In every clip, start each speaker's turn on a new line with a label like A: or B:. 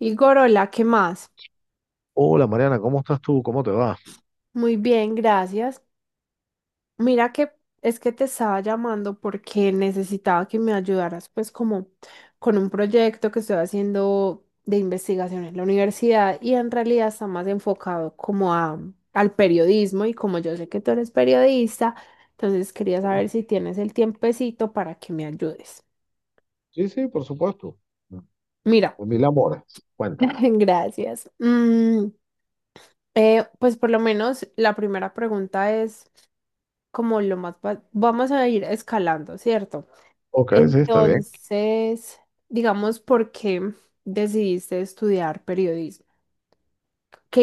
A: Y Gorola, ¿qué más?
B: Hola Mariana, ¿cómo estás tú? ¿Cómo te va?
A: Muy bien, gracias. Mira que es que te estaba llamando porque necesitaba que me ayudaras, pues como con un proyecto que estoy haciendo de investigación en la universidad y en realidad está más enfocado como a, al periodismo, y como yo sé que tú eres periodista, entonces quería saber si tienes el tiempecito para que me ayudes.
B: Sí, sí, por supuesto.
A: Mira,
B: Por mil amores, cuéntame.
A: gracias. Pues por lo menos la primera pregunta es... como lo más... Vamos a ir escalando, ¿cierto?
B: Ok, sí, está bien.
A: Entonces, digamos, ¿por qué decidiste estudiar periodismo? ¿Qué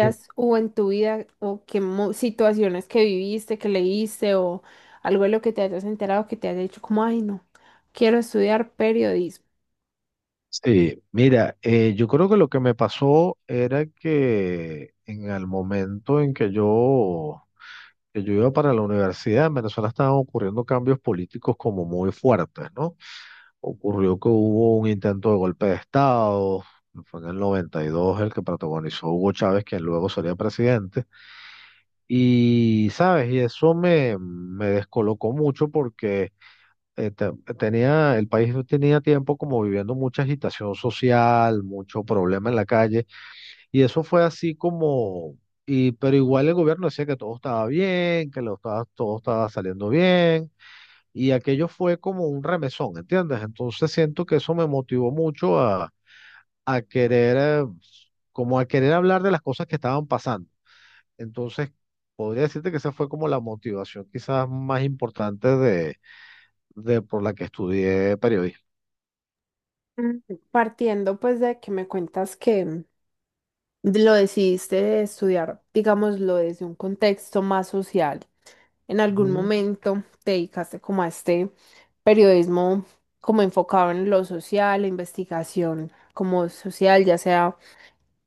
B: Sí.
A: hubo en tu vida o qué situaciones que viviste, que leíste o algo de lo que te hayas enterado que te haya dicho como, ay, no, quiero estudiar periodismo?
B: Sí, mira, yo creo que lo que me pasó era que en el momento en que yo iba para la universidad, en Venezuela estaban ocurriendo cambios políticos como muy fuertes, ¿no? Ocurrió que hubo un intento de golpe de Estado, fue en el 92 el que protagonizó Hugo Chávez, quien luego sería presidente. Y, ¿sabes? Y eso me descolocó mucho porque eh, te- el país tenía tiempo como viviendo mucha agitación social, mucho problema en la calle, y eso fue así como, y, pero igual el gobierno decía que todo estaba bien, que todo estaba saliendo bien, y aquello fue como un remesón, ¿entiendes? Entonces siento que eso me motivó mucho a, a querer, eh, como a querer hablar de las cosas que estaban pasando. Entonces, podría decirte que esa fue como la motivación quizás más importante de por la que estudié periodismo.
A: Mm, Partiendo pues de que me cuentas que lo decidiste estudiar, digámoslo, desde un contexto más social. En algún
B: Ujú.
A: momento te dedicaste como a este periodismo, como enfocado en lo social, la investigación como social, ya sea,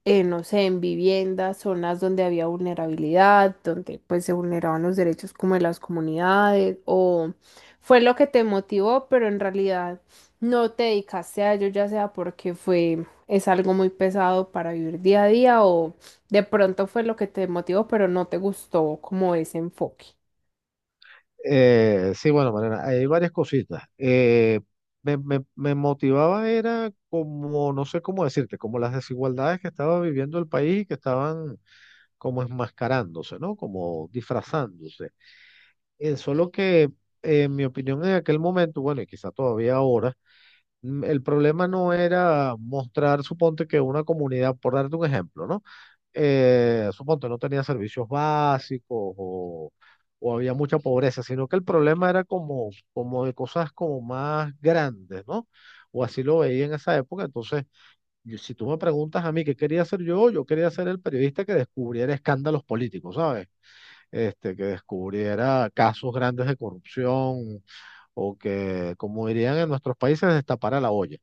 A: no sé, en viviendas, zonas donde había vulnerabilidad, donde pues se vulneraban los derechos como de las comunidades, o fue lo que te motivó, pero en realidad no te dedicaste a ello, ya sea porque fue, es algo muy pesado para vivir día a día, o de pronto fue lo que te motivó, pero no te gustó como ese enfoque.
B: Sí, bueno, Mariana, hay varias cositas. Me motivaba era como, no sé cómo decirte, como las desigualdades que estaba viviendo el país y que estaban como enmascarándose, ¿no? Como disfrazándose. Solo que, en mi opinión, en aquel momento, bueno, y quizá todavía ahora, el problema no era mostrar, suponte que una comunidad, por darte un ejemplo, ¿no? Suponte no tenía servicios básicos o había mucha pobreza, sino que el problema era como, como de cosas como más grandes, ¿no? O así lo veía en esa época. Entonces, si tú me preguntas a mí qué quería hacer yo, yo quería ser el periodista que descubriera escándalos políticos, ¿sabes? Este, que descubriera casos grandes de corrupción, o que, como dirían en nuestros países, destapara la olla.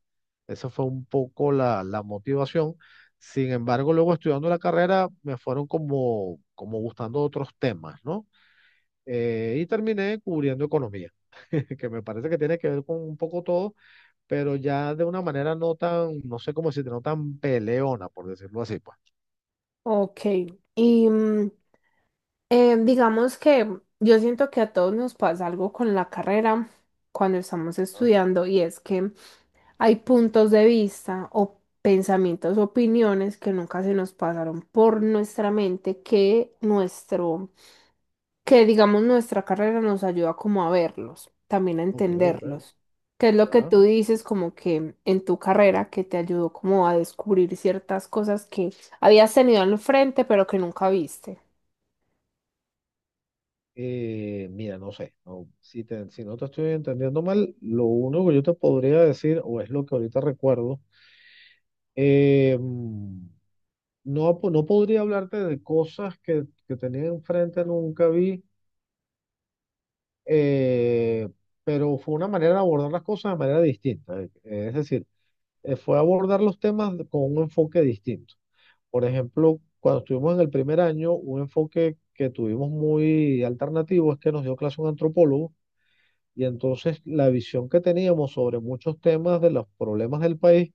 B: Esa fue un poco la motivación. Sin embargo, luego estudiando la carrera me fueron como gustando otros temas, ¿no? Y terminé cubriendo economía, que me parece que tiene que ver con un poco todo, pero ya de una manera no tan, no sé cómo decirte, no tan peleona, por decirlo así, pues.
A: Ok, y digamos que yo siento que a todos nos pasa algo con la carrera cuando estamos
B: Ah,
A: estudiando, y es que hay puntos de vista o pensamientos, opiniones que nunca se nos pasaron por nuestra mente, que nuestro, que digamos nuestra carrera nos ayuda como a verlos, también a
B: ok, ok.
A: entenderlos. ¿Qué es lo que
B: ¿Ya?
A: tú dices como que en tu carrera que te ayudó como a descubrir ciertas cosas que habías tenido al frente pero que nunca viste?
B: Mira, no sé, no, si, si no te estoy entendiendo mal, lo único que yo te podría decir, o es lo que ahorita recuerdo, eh, mm, no, no podría hablarte de cosas que tenía enfrente, nunca vi, eh, pero fue una manera de abordar las cosas de manera distinta. Es decir, fue abordar los temas con un enfoque distinto. Por ejemplo, cuando estuvimos en el primer año, un enfoque que tuvimos muy alternativo es que nos dio clase un antropólogo. Y entonces la visión que teníamos sobre muchos temas de los problemas del país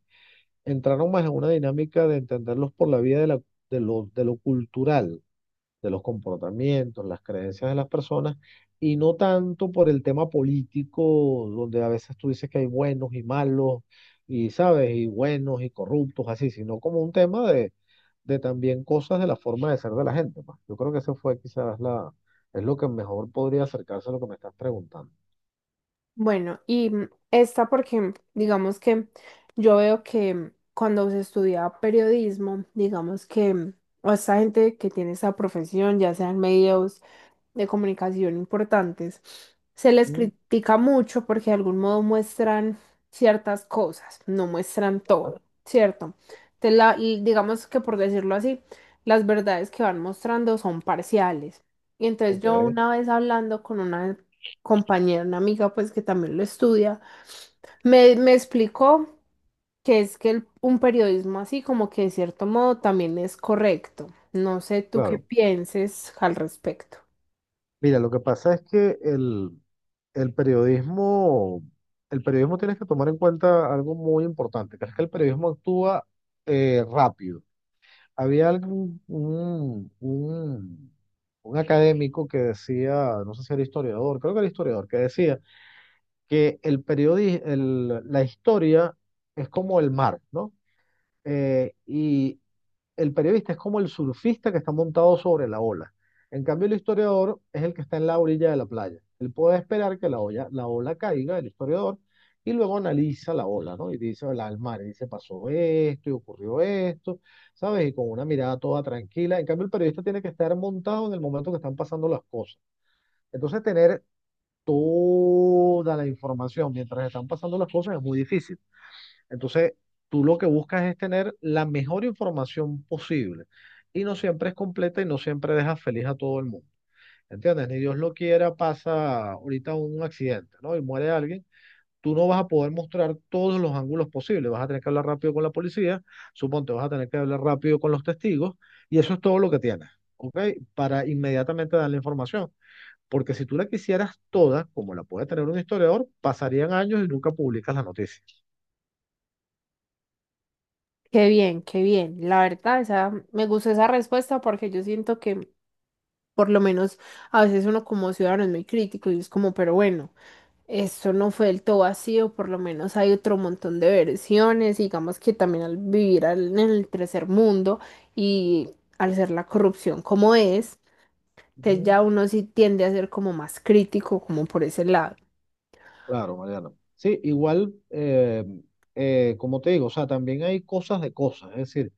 B: entraron más en una dinámica de entenderlos por la vía de lo cultural, de los comportamientos, las creencias de las personas, y no tanto por el tema político, donde a veces tú dices que hay buenos y malos, y sabes, y buenos y corruptos, así, sino como un tema de también cosas de la forma de ser de la gente. Pues, yo creo que eso fue quizás es lo que mejor podría acercarse a lo que me estás preguntando.
A: Bueno, y esta porque digamos que yo veo que cuando se estudia periodismo, digamos que o esta gente que tiene esa profesión, ya sean medios de comunicación importantes, se les
B: ¿Mm?
A: critica mucho porque de algún modo muestran ciertas cosas, no muestran todo, ¿cierto? Entonces, digamos que, por decirlo así, las verdades que van mostrando son parciales. Y entonces yo
B: Ok.
A: una vez hablando con una compañera, una amiga, pues que también lo estudia, me explicó que es que un periodismo así como que de cierto modo también es correcto. No sé tú qué
B: Claro.
A: pienses al respecto.
B: Mira, lo que pasa es que el periodismo, el periodismo tienes que tomar en cuenta algo muy importante, que es que el periodismo actúa rápido. Había algún, un académico que decía, no sé si era historiador, creo que era historiador, que decía que la historia es como el mar, ¿no? Y el periodista es como el surfista que está montado sobre la ola. En cambio, el historiador es el que está en la orilla de la playa. Él puede esperar que la ola caiga, el historiador, y luego analiza la ola, ¿no? Y dice, "Hola, el mar", y dice, pasó esto, y ocurrió esto, ¿sabes? Y con una mirada toda tranquila. En cambio, el periodista tiene que estar montado en el momento que están pasando las cosas. Entonces, tener toda la información mientras están pasando las cosas es muy difícil. Entonces, tú lo que buscas es tener la mejor información posible. Y no siempre es completa y no siempre deja feliz a todo el mundo. ¿Entiendes? Ni Dios lo quiera, pasa ahorita un accidente, ¿no? Y muere alguien. Tú no vas a poder mostrar todos los ángulos posibles. Vas a tener que hablar rápido con la policía. Suponte, vas a tener que hablar rápido con los testigos. Y eso es todo lo que tienes, ¿ok? Para inmediatamente dar la información. Porque si tú la quisieras toda, como la puede tener un historiador, pasarían años y nunca publicas la noticia.
A: Qué bien, qué bien. La verdad, esa, me gusta esa respuesta porque yo siento que, por lo menos a veces, uno como ciudadano es muy crítico y es como, pero bueno, esto no fue del todo vacío, por lo menos hay otro montón de versiones, digamos que también al vivir en el tercer mundo, y al ser la corrupción como es, que
B: Ujú.
A: ya uno sí tiende a ser como más crítico, como por ese lado.
B: Claro, Mariano. Sí, igual, como te digo, o sea, también hay cosas de cosas, es decir,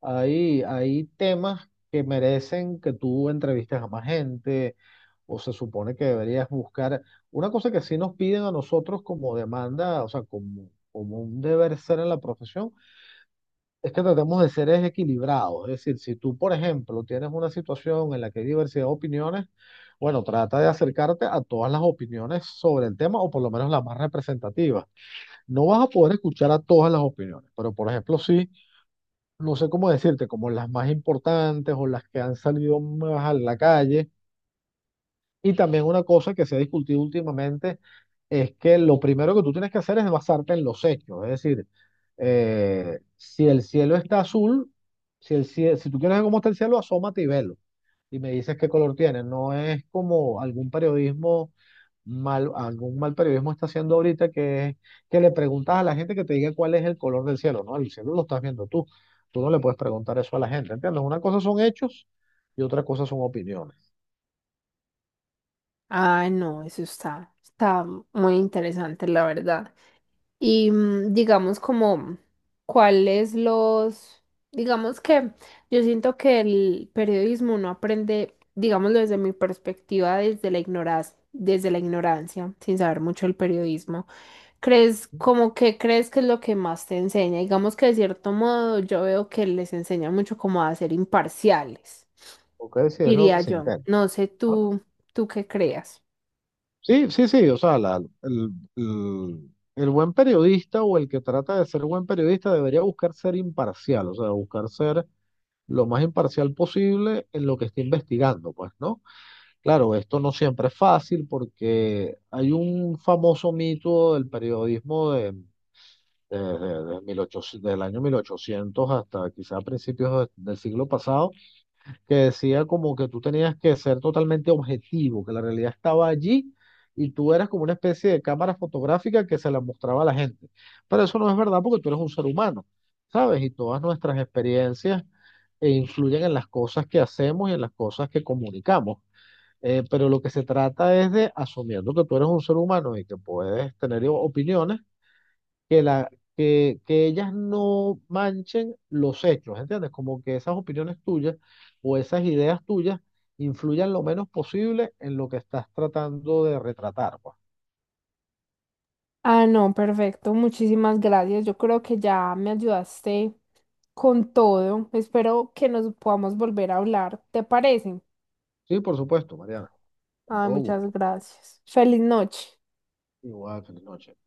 B: hay temas que merecen que tú entrevistes a más gente o se supone que deberías buscar. Una cosa que sí nos piden a nosotros como demanda, o sea, como un deber ser en la profesión, es que tratemos de ser es equilibrados. Es decir, si tú, por ejemplo, tienes una situación en la que hay diversidad de opiniones, bueno, trata de acercarte a todas las opiniones sobre el tema o por lo menos las más representativas. No vas a poder escuchar a todas las opiniones, pero por ejemplo, sí, no sé cómo decirte, como las más importantes o las que han salido más a la calle. Y también una cosa que se ha discutido últimamente es que lo primero que tú tienes que hacer es basarte en los hechos. Es decir, si el cielo está azul, si tú quieres ver cómo está el cielo, asómate y velo. Y me dices qué color tiene. No es como algún periodismo algún mal periodismo está haciendo ahorita, que es que le preguntas a la gente que te diga cuál es el color del cielo, ¿no? El cielo lo estás viendo tú. Tú no le puedes preguntar eso a la gente, ¿entiendes? Una cosa son hechos y otra cosa son opiniones.
A: Ah, no, eso está, está muy interesante, la verdad. Y digamos como cuáles los, digamos que yo siento que el periodismo no aprende, digámoslo desde mi perspectiva, desde la ignorancia, sin saber mucho el periodismo. ¿Crees como que crees que es lo que más te enseña? Digamos que de cierto modo yo veo que les enseña mucho como a ser imparciales,
B: ¿Ok? Si es lo que
A: diría
B: se
A: yo.
B: intenta,
A: No sé
B: ¿no?
A: tú, tú qué creas.
B: Sí, sí, sí, o sea, el, el- el buen periodista o el que trata de ser buen periodista debería buscar ser imparcial, o sea, buscar ser lo más imparcial posible en lo que está investigando, pues, ¿no? Claro, esto no siempre es fácil porque hay un famoso mito del periodismo de 1800 del año 1800 hasta quizá principios del siglo pasado, que decía como que tú tenías que ser totalmente objetivo, que la realidad estaba allí y tú eras como una especie de cámara fotográfica que se la mostraba a la gente. Pero eso no es verdad porque tú eres un ser humano, ¿sabes? Y todas nuestras experiencias influyen en las cosas que hacemos y en las cosas que comunicamos. Pero lo que se trata es de, asumiendo que tú eres un ser humano y que puedes tener opiniones, que, la, que ellas no manchen los hechos, ¿entiendes? Como que esas opiniones tuyas o esas ideas tuyas influyan lo menos posible en lo que estás tratando de retratar, pues.
A: Ah, no, perfecto. Muchísimas gracias. Yo creo que ya me ayudaste con todo. Espero que nos podamos volver a hablar. ¿Te parece?
B: Sí, por supuesto, Mariana, con
A: Ay,
B: todo
A: muchas
B: gusto.
A: gracias. Feliz noche.
B: Igual, feliz noche.